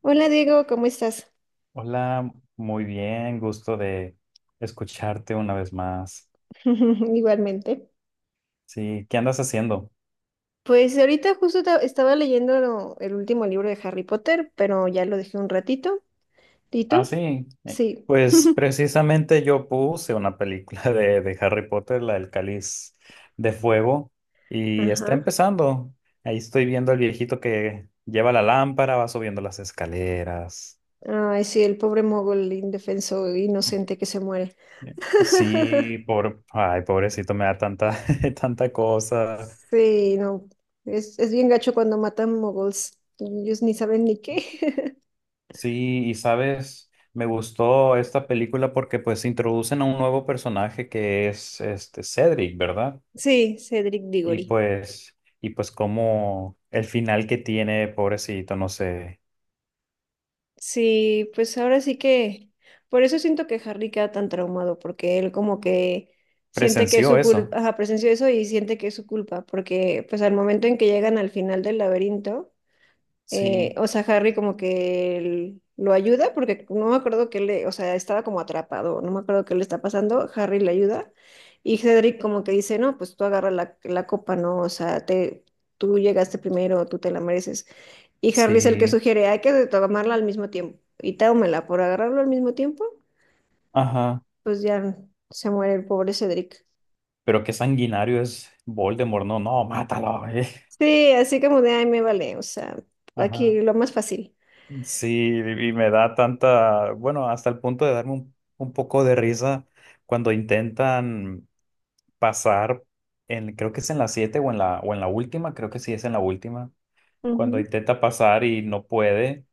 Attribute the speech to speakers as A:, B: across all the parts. A: Hola Diego, ¿cómo estás?
B: Hola, muy bien, gusto de escucharte una vez más.
A: Igualmente.
B: Sí, ¿qué andas haciendo?
A: Pues ahorita justo estaba leyendo el último libro de Harry Potter, pero ya lo dejé un ratito. ¿Y tú?
B: Sí, eh,
A: Sí.
B: pues precisamente yo puse una película de Harry Potter, la del Cáliz de Fuego, y está
A: Ajá.
B: empezando. Ahí estoy viendo al viejito que lleva la lámpara, va subiendo las escaleras.
A: Ay, sí, el pobre mogol indefenso, inocente que se muere.
B: Sí, por, ay, pobrecito, me da tanta, tanta cosa.
A: Sí, no. Es bien gacho cuando matan mogols. Ellos ni saben ni qué.
B: Sí, y sabes, me gustó esta película porque pues introducen a un nuevo personaje que es este Cedric, ¿verdad?
A: Sí, Cedric
B: Y
A: Diggory.
B: pues, y pues como el final que tiene, pobrecito, no sé,
A: Sí, pues ahora sí que, por eso siento que Harry queda tan traumado, porque él como que siente que es
B: presenció
A: su
B: eso.
A: culpa, ajá, presenció eso y siente que es su culpa, porque pues al momento en que llegan al final del laberinto,
B: Sí,
A: o sea, Harry como que él lo ayuda porque no me acuerdo que le, o sea, estaba como atrapado, no me acuerdo qué le está pasando, Harry le ayuda y Cedric como que dice, no, pues tú agarra la copa, ¿no? O sea, te, tú llegaste primero, tú te la mereces. Y Harry es el que
B: sí,
A: sugiere, hay que tomarla al mismo tiempo. Y tómela por agarrarlo al mismo tiempo,
B: ajá.
A: pues ya se muere el pobre Cedric.
B: Pero qué sanguinario es Voldemort, no, no, mátalo, eh.
A: Sí, así como de, ay, me vale, o sea,
B: Ajá.
A: aquí lo más fácil.
B: Sí, y me da tanta, bueno, hasta el punto de darme un poco de risa cuando intentan pasar, en, creo que es en la 7 o en la última, creo que sí es en la última, cuando
A: Ujú.
B: intenta pasar y no puede,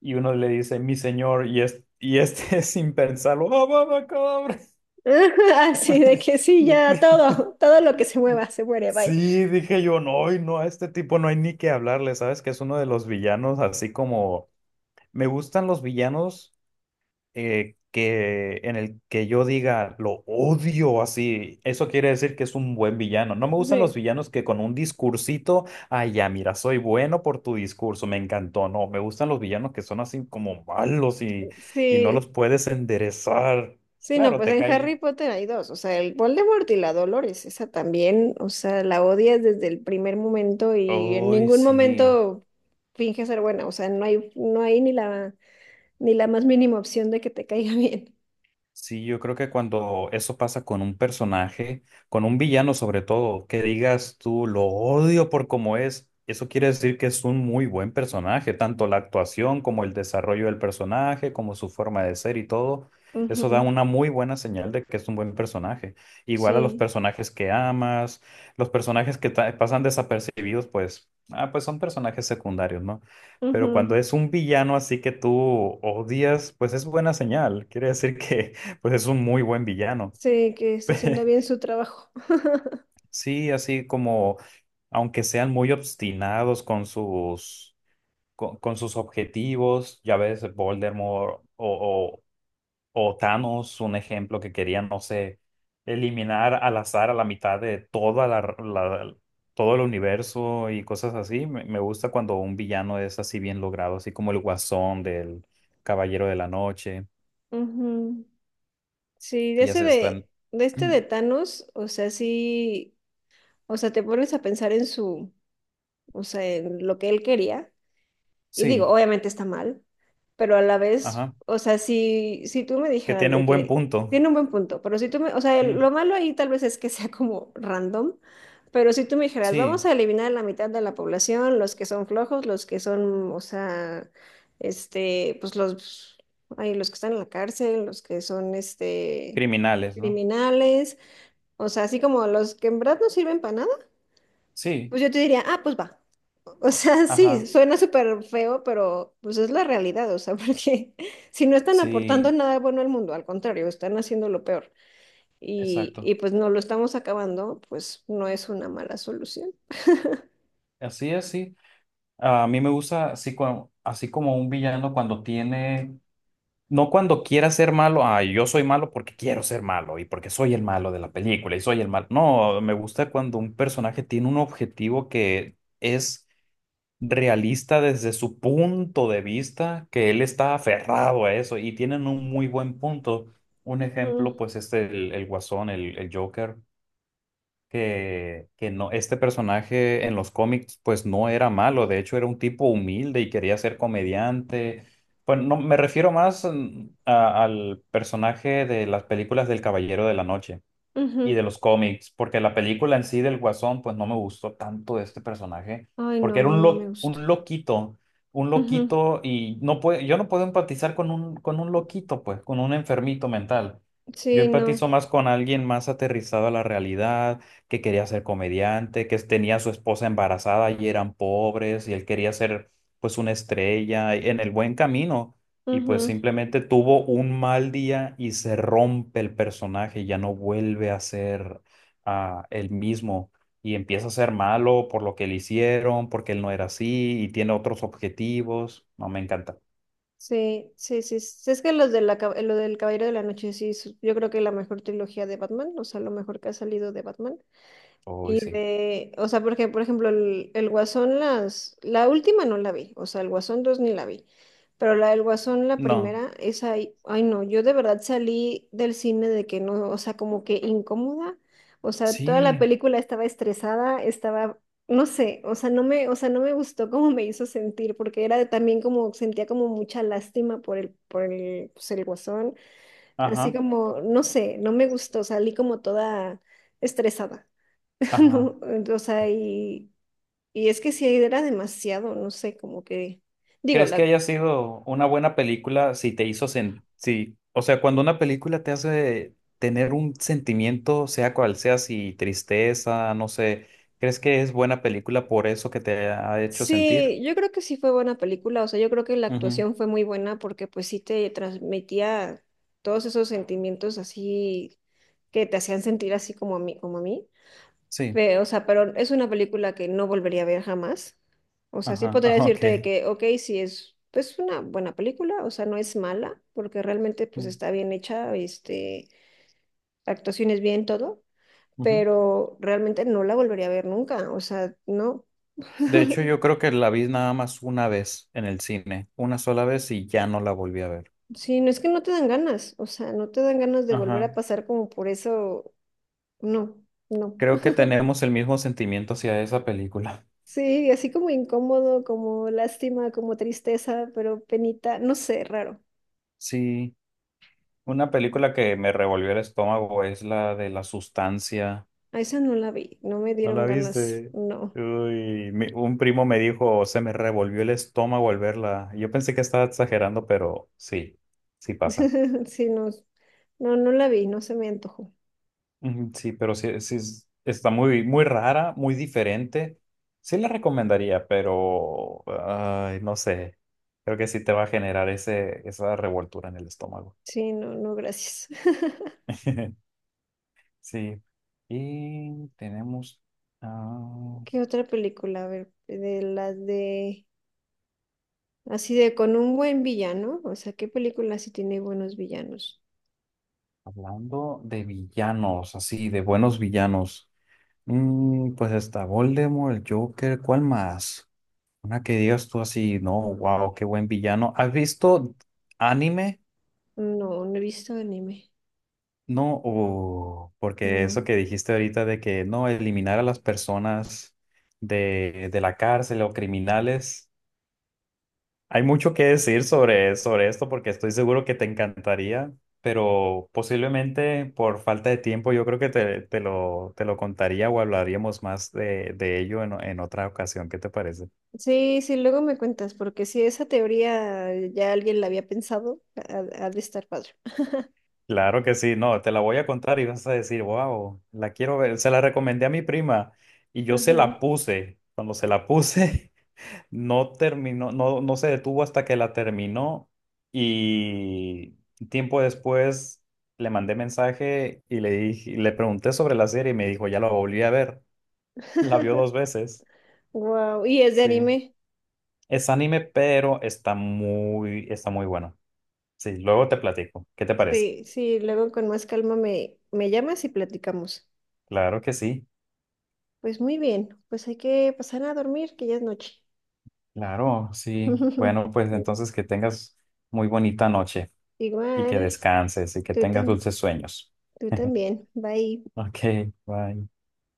B: y uno le dice, mi señor, y, es, y este sin pensarlo, ¡Ah, abacadabra!
A: Así de que sí,
B: Me-
A: ya
B: me-
A: todo, todo lo que se mueva se muere, bye.
B: Sí, dije yo, no, y no, a este tipo no hay ni que hablarle, ¿sabes? Que es uno de los villanos, así como me gustan los villanos, que en el que yo diga lo odio, así, eso quiere decir que es un buen villano. No me gustan los
A: Sí,
B: villanos que con un discursito, ay, ya, mira, soy bueno por tu discurso, me encantó. No, me gustan los villanos que son así como malos y no los
A: sí,
B: puedes enderezar.
A: sí, no,
B: Claro,
A: pues
B: te
A: en Harry
B: cae.
A: Potter hay dos, o sea, el Voldemort y la Dolores, esa también, o sea, la odias desde el primer momento y en
B: Ay,
A: ningún
B: sí.
A: momento finge ser buena, o sea, no hay, no hay ni la, ni la más mínima opción de que te caiga bien.
B: Sí, yo creo que cuando eso pasa con un personaje, con un villano sobre todo, que digas tú lo odio por cómo es, eso quiere decir que es un muy buen personaje, tanto la actuación como el desarrollo del personaje, como su forma de ser y todo, eso da
A: Ujú.
B: una muy buena señal de que es un buen personaje. Igual a los
A: Sí.
B: personajes que amas, los personajes que pasan desapercibidos, pues, ah, pues son personajes secundarios, ¿no? Pero cuando
A: Ujú.
B: es un villano así que tú odias, pues es buena señal. Quiere decir que pues es un muy buen villano.
A: Sí, que está haciendo bien su trabajo.
B: Sí, así como, aunque sean muy obstinados con sus, con sus objetivos, ya ves, Voldemort o Thanos, un ejemplo, que querían, no sé, eliminar al azar a la mitad de toda todo el universo y cosas así. Me gusta cuando un villano es así bien logrado, así como el Guasón del Caballero de la Noche,
A: Ujú. Sí, de
B: que ya
A: ese
B: se están...
A: de este de Thanos, o sea, sí. O sea, te pones a pensar en su, o sea, en lo que él quería. Y digo,
B: Sí,
A: obviamente está mal, pero a la vez,
B: ajá,
A: o sea, si tú me
B: que
A: dijeras
B: tiene
A: de
B: un buen
A: que
B: punto.
A: tiene un buen punto, pero si tú me, o sea,
B: Sí,
A: lo malo ahí tal vez es que sea como random, pero si tú me dijeras, vamos
B: sí,
A: a eliminar la mitad de la población, los que son flojos, los que son, o sea, este, pues los, ay, los que están en la cárcel, los que son, este,
B: criminales, ¿no?
A: criminales, o sea, así como los que en verdad no sirven para nada
B: Sí,
A: pues yo te diría, ah, pues va. O sea, sí,
B: ajá,
A: suena súper feo, pero pues es la realidad, o sea, porque si no están aportando
B: sí,
A: nada bueno al mundo, al contrario, están haciendo lo peor y,
B: exacto.
A: y pues no lo estamos acabando, pues no es una mala solución.
B: Así es, sí. A mí me gusta así, así como un villano cuando tiene, no cuando quiera ser malo, ah, yo soy malo porque quiero ser malo y porque soy el malo de la película y soy el malo. No, me gusta cuando un personaje tiene un objetivo que es realista desde su punto de vista, que él está aferrado a eso y tienen un muy buen punto. Un ejemplo,
A: Ujú,
B: pues, es el Guasón, el Joker. Que no, este personaje en los cómics, pues no era malo, de hecho era un tipo humilde y quería ser comediante. Pues no, me refiero más, al personaje de las películas del Caballero de la Noche y
A: ujú.
B: de los cómics, porque la película en sí del Guasón, pues no me gustó tanto de este personaje,
A: Ay, no, a
B: porque era
A: mí
B: un,
A: no me gustó.
B: un
A: Ujú.
B: loquito, y no puede, yo no puedo empatizar con un loquito, pues, con un enfermito mental. Yo
A: Sí,
B: empatizo
A: no.
B: más con alguien más aterrizado a la realidad, que quería ser comediante, que tenía a su esposa embarazada y eran pobres, y él quería ser, pues, una estrella en el buen camino, y pues
A: Ujú.
B: simplemente tuvo un mal día y se rompe el personaje, ya no vuelve a ser el mismo y empieza a ser malo por lo que le hicieron, porque él no era así y tiene otros objetivos. No, me encanta.
A: Sí, sí, sí. Sí, es que los de la, lo del Caballero de la Noche, sí, yo creo que la mejor trilogía de Batman, o sea, lo mejor que ha salido de Batman.
B: Hoy
A: Y
B: sí.
A: de, o sea, porque, por ejemplo, el Guasón, las, la última no la vi, o sea, el Guasón 2 ni la vi, pero la del Guasón, la
B: No.
A: primera, esa, ay, ay no, yo de verdad salí del cine de que no, o sea, como que incómoda, o sea, toda la
B: Sí.
A: película estaba estresada, estaba, no sé, o sea, no me, o sea, no me gustó cómo me hizo sentir, porque era también como, sentía como mucha lástima por el, pues, el Guasón, así
B: Ajá.
A: como, no sé, no me gustó, salí como toda estresada.
B: Ajá.
A: No, o sea, y es que sí era demasiado, no sé, como que, digo,
B: ¿Crees que
A: la,
B: haya sido una buena película si te hizo sen- si, o sea, cuando una película te hace tener un sentimiento, sea cual sea, si tristeza, no sé, ¿crees que es buena película por eso que te ha hecho sentir?
A: sí, yo creo que sí fue buena película, o sea, yo creo que la
B: Ujú.
A: actuación fue muy buena porque pues sí te transmitía todos esos sentimientos así que te hacían sentir así como a mí, como a mí.
B: Sí,
A: Pero, o sea, pero es una película que no volvería a ver jamás. O sea, sí
B: ajá,
A: podría
B: ajá, ok.
A: decirte de que, ok, sí es pues una buena película, o sea, no es mala, porque realmente pues
B: Mm,
A: está bien hecha, este, la actuación es bien todo,
B: ujú.
A: pero realmente no la volvería a ver nunca, o sea, no.
B: De hecho, yo creo que la vi nada más una vez en el cine, una sola vez y ya no la volví a ver.
A: Sí, no es que no te dan ganas, o sea, no te dan ganas de volver
B: Ajá.
A: a pasar como por eso, no, no.
B: Creo que tenemos el mismo sentimiento hacia esa película.
A: Sí, así como incómodo, como lástima, como tristeza, pero penita, no sé, raro.
B: Sí. Una película que me revolvió el estómago es la de La Sustancia.
A: A esa no la vi, no me
B: ¿No
A: dieron
B: la
A: ganas,
B: viste?
A: no.
B: Uy, un primo me dijo, se me revolvió el estómago al verla. Yo pensé que estaba exagerando, pero sí, sí pasa.
A: Sí, no, no, no la vi, no se me antojó.
B: Ujú. Sí, pero sí, está muy, muy rara, muy diferente. Sí la recomendaría, pero ay, no sé. Creo que sí te va a generar ese, esa revoltura en el estómago.
A: Sí, no, no, gracias.
B: Sí. Y tenemos. ah,
A: ¿Qué otra película? A ver, de las de, así de con un buen villano. O sea, ¿qué película sí tiene buenos villanos?
B: Hablando de villanos, así, de buenos villanos. Pues está Voldemort, el Joker, ¿cuál más? Una que digas tú así, no, wow, qué buen villano. ¿Has visto anime?
A: No, no he visto anime.
B: No, porque
A: No.
B: eso que dijiste ahorita de que no, eliminar a las personas de la cárcel o criminales. Hay mucho que decir sobre, sobre esto porque estoy seguro que te encantaría, pero posiblemente por falta de tiempo yo creo que te, te lo contaría o hablaríamos más de ello en otra ocasión. ¿Qué te parece?
A: Sí, sí, luego me cuentas, porque si esa teoría ya alguien la había pensado, ha de estar padre.
B: Claro que sí, no, te la voy a contar y vas a decir, wow, la quiero ver. Se la recomendé a mi prima y yo se
A: Ajá.
B: la puse. Cuando se la puse... No terminó, no, no se detuvo hasta que la terminó y tiempo después le mandé mensaje y le dije, le pregunté sobre la serie y me dijo, ya la volví a ver. La vio dos veces.
A: Wow. ¿Y es de
B: Sí.
A: anime?
B: Es anime, pero está muy bueno. Sí, luego te platico. ¿Qué te parece?
A: Sí, sí, luego con más calma me llamas y platicamos.
B: Claro que sí.
A: Pues muy bien, pues hay que pasar a dormir, que ya es noche.
B: Claro, sí. Bueno, pues entonces que tengas muy bonita noche y que
A: Igual,
B: descanses y que
A: tú,
B: tengas dulces sueños.
A: tú también. Bye.
B: Ok, bye.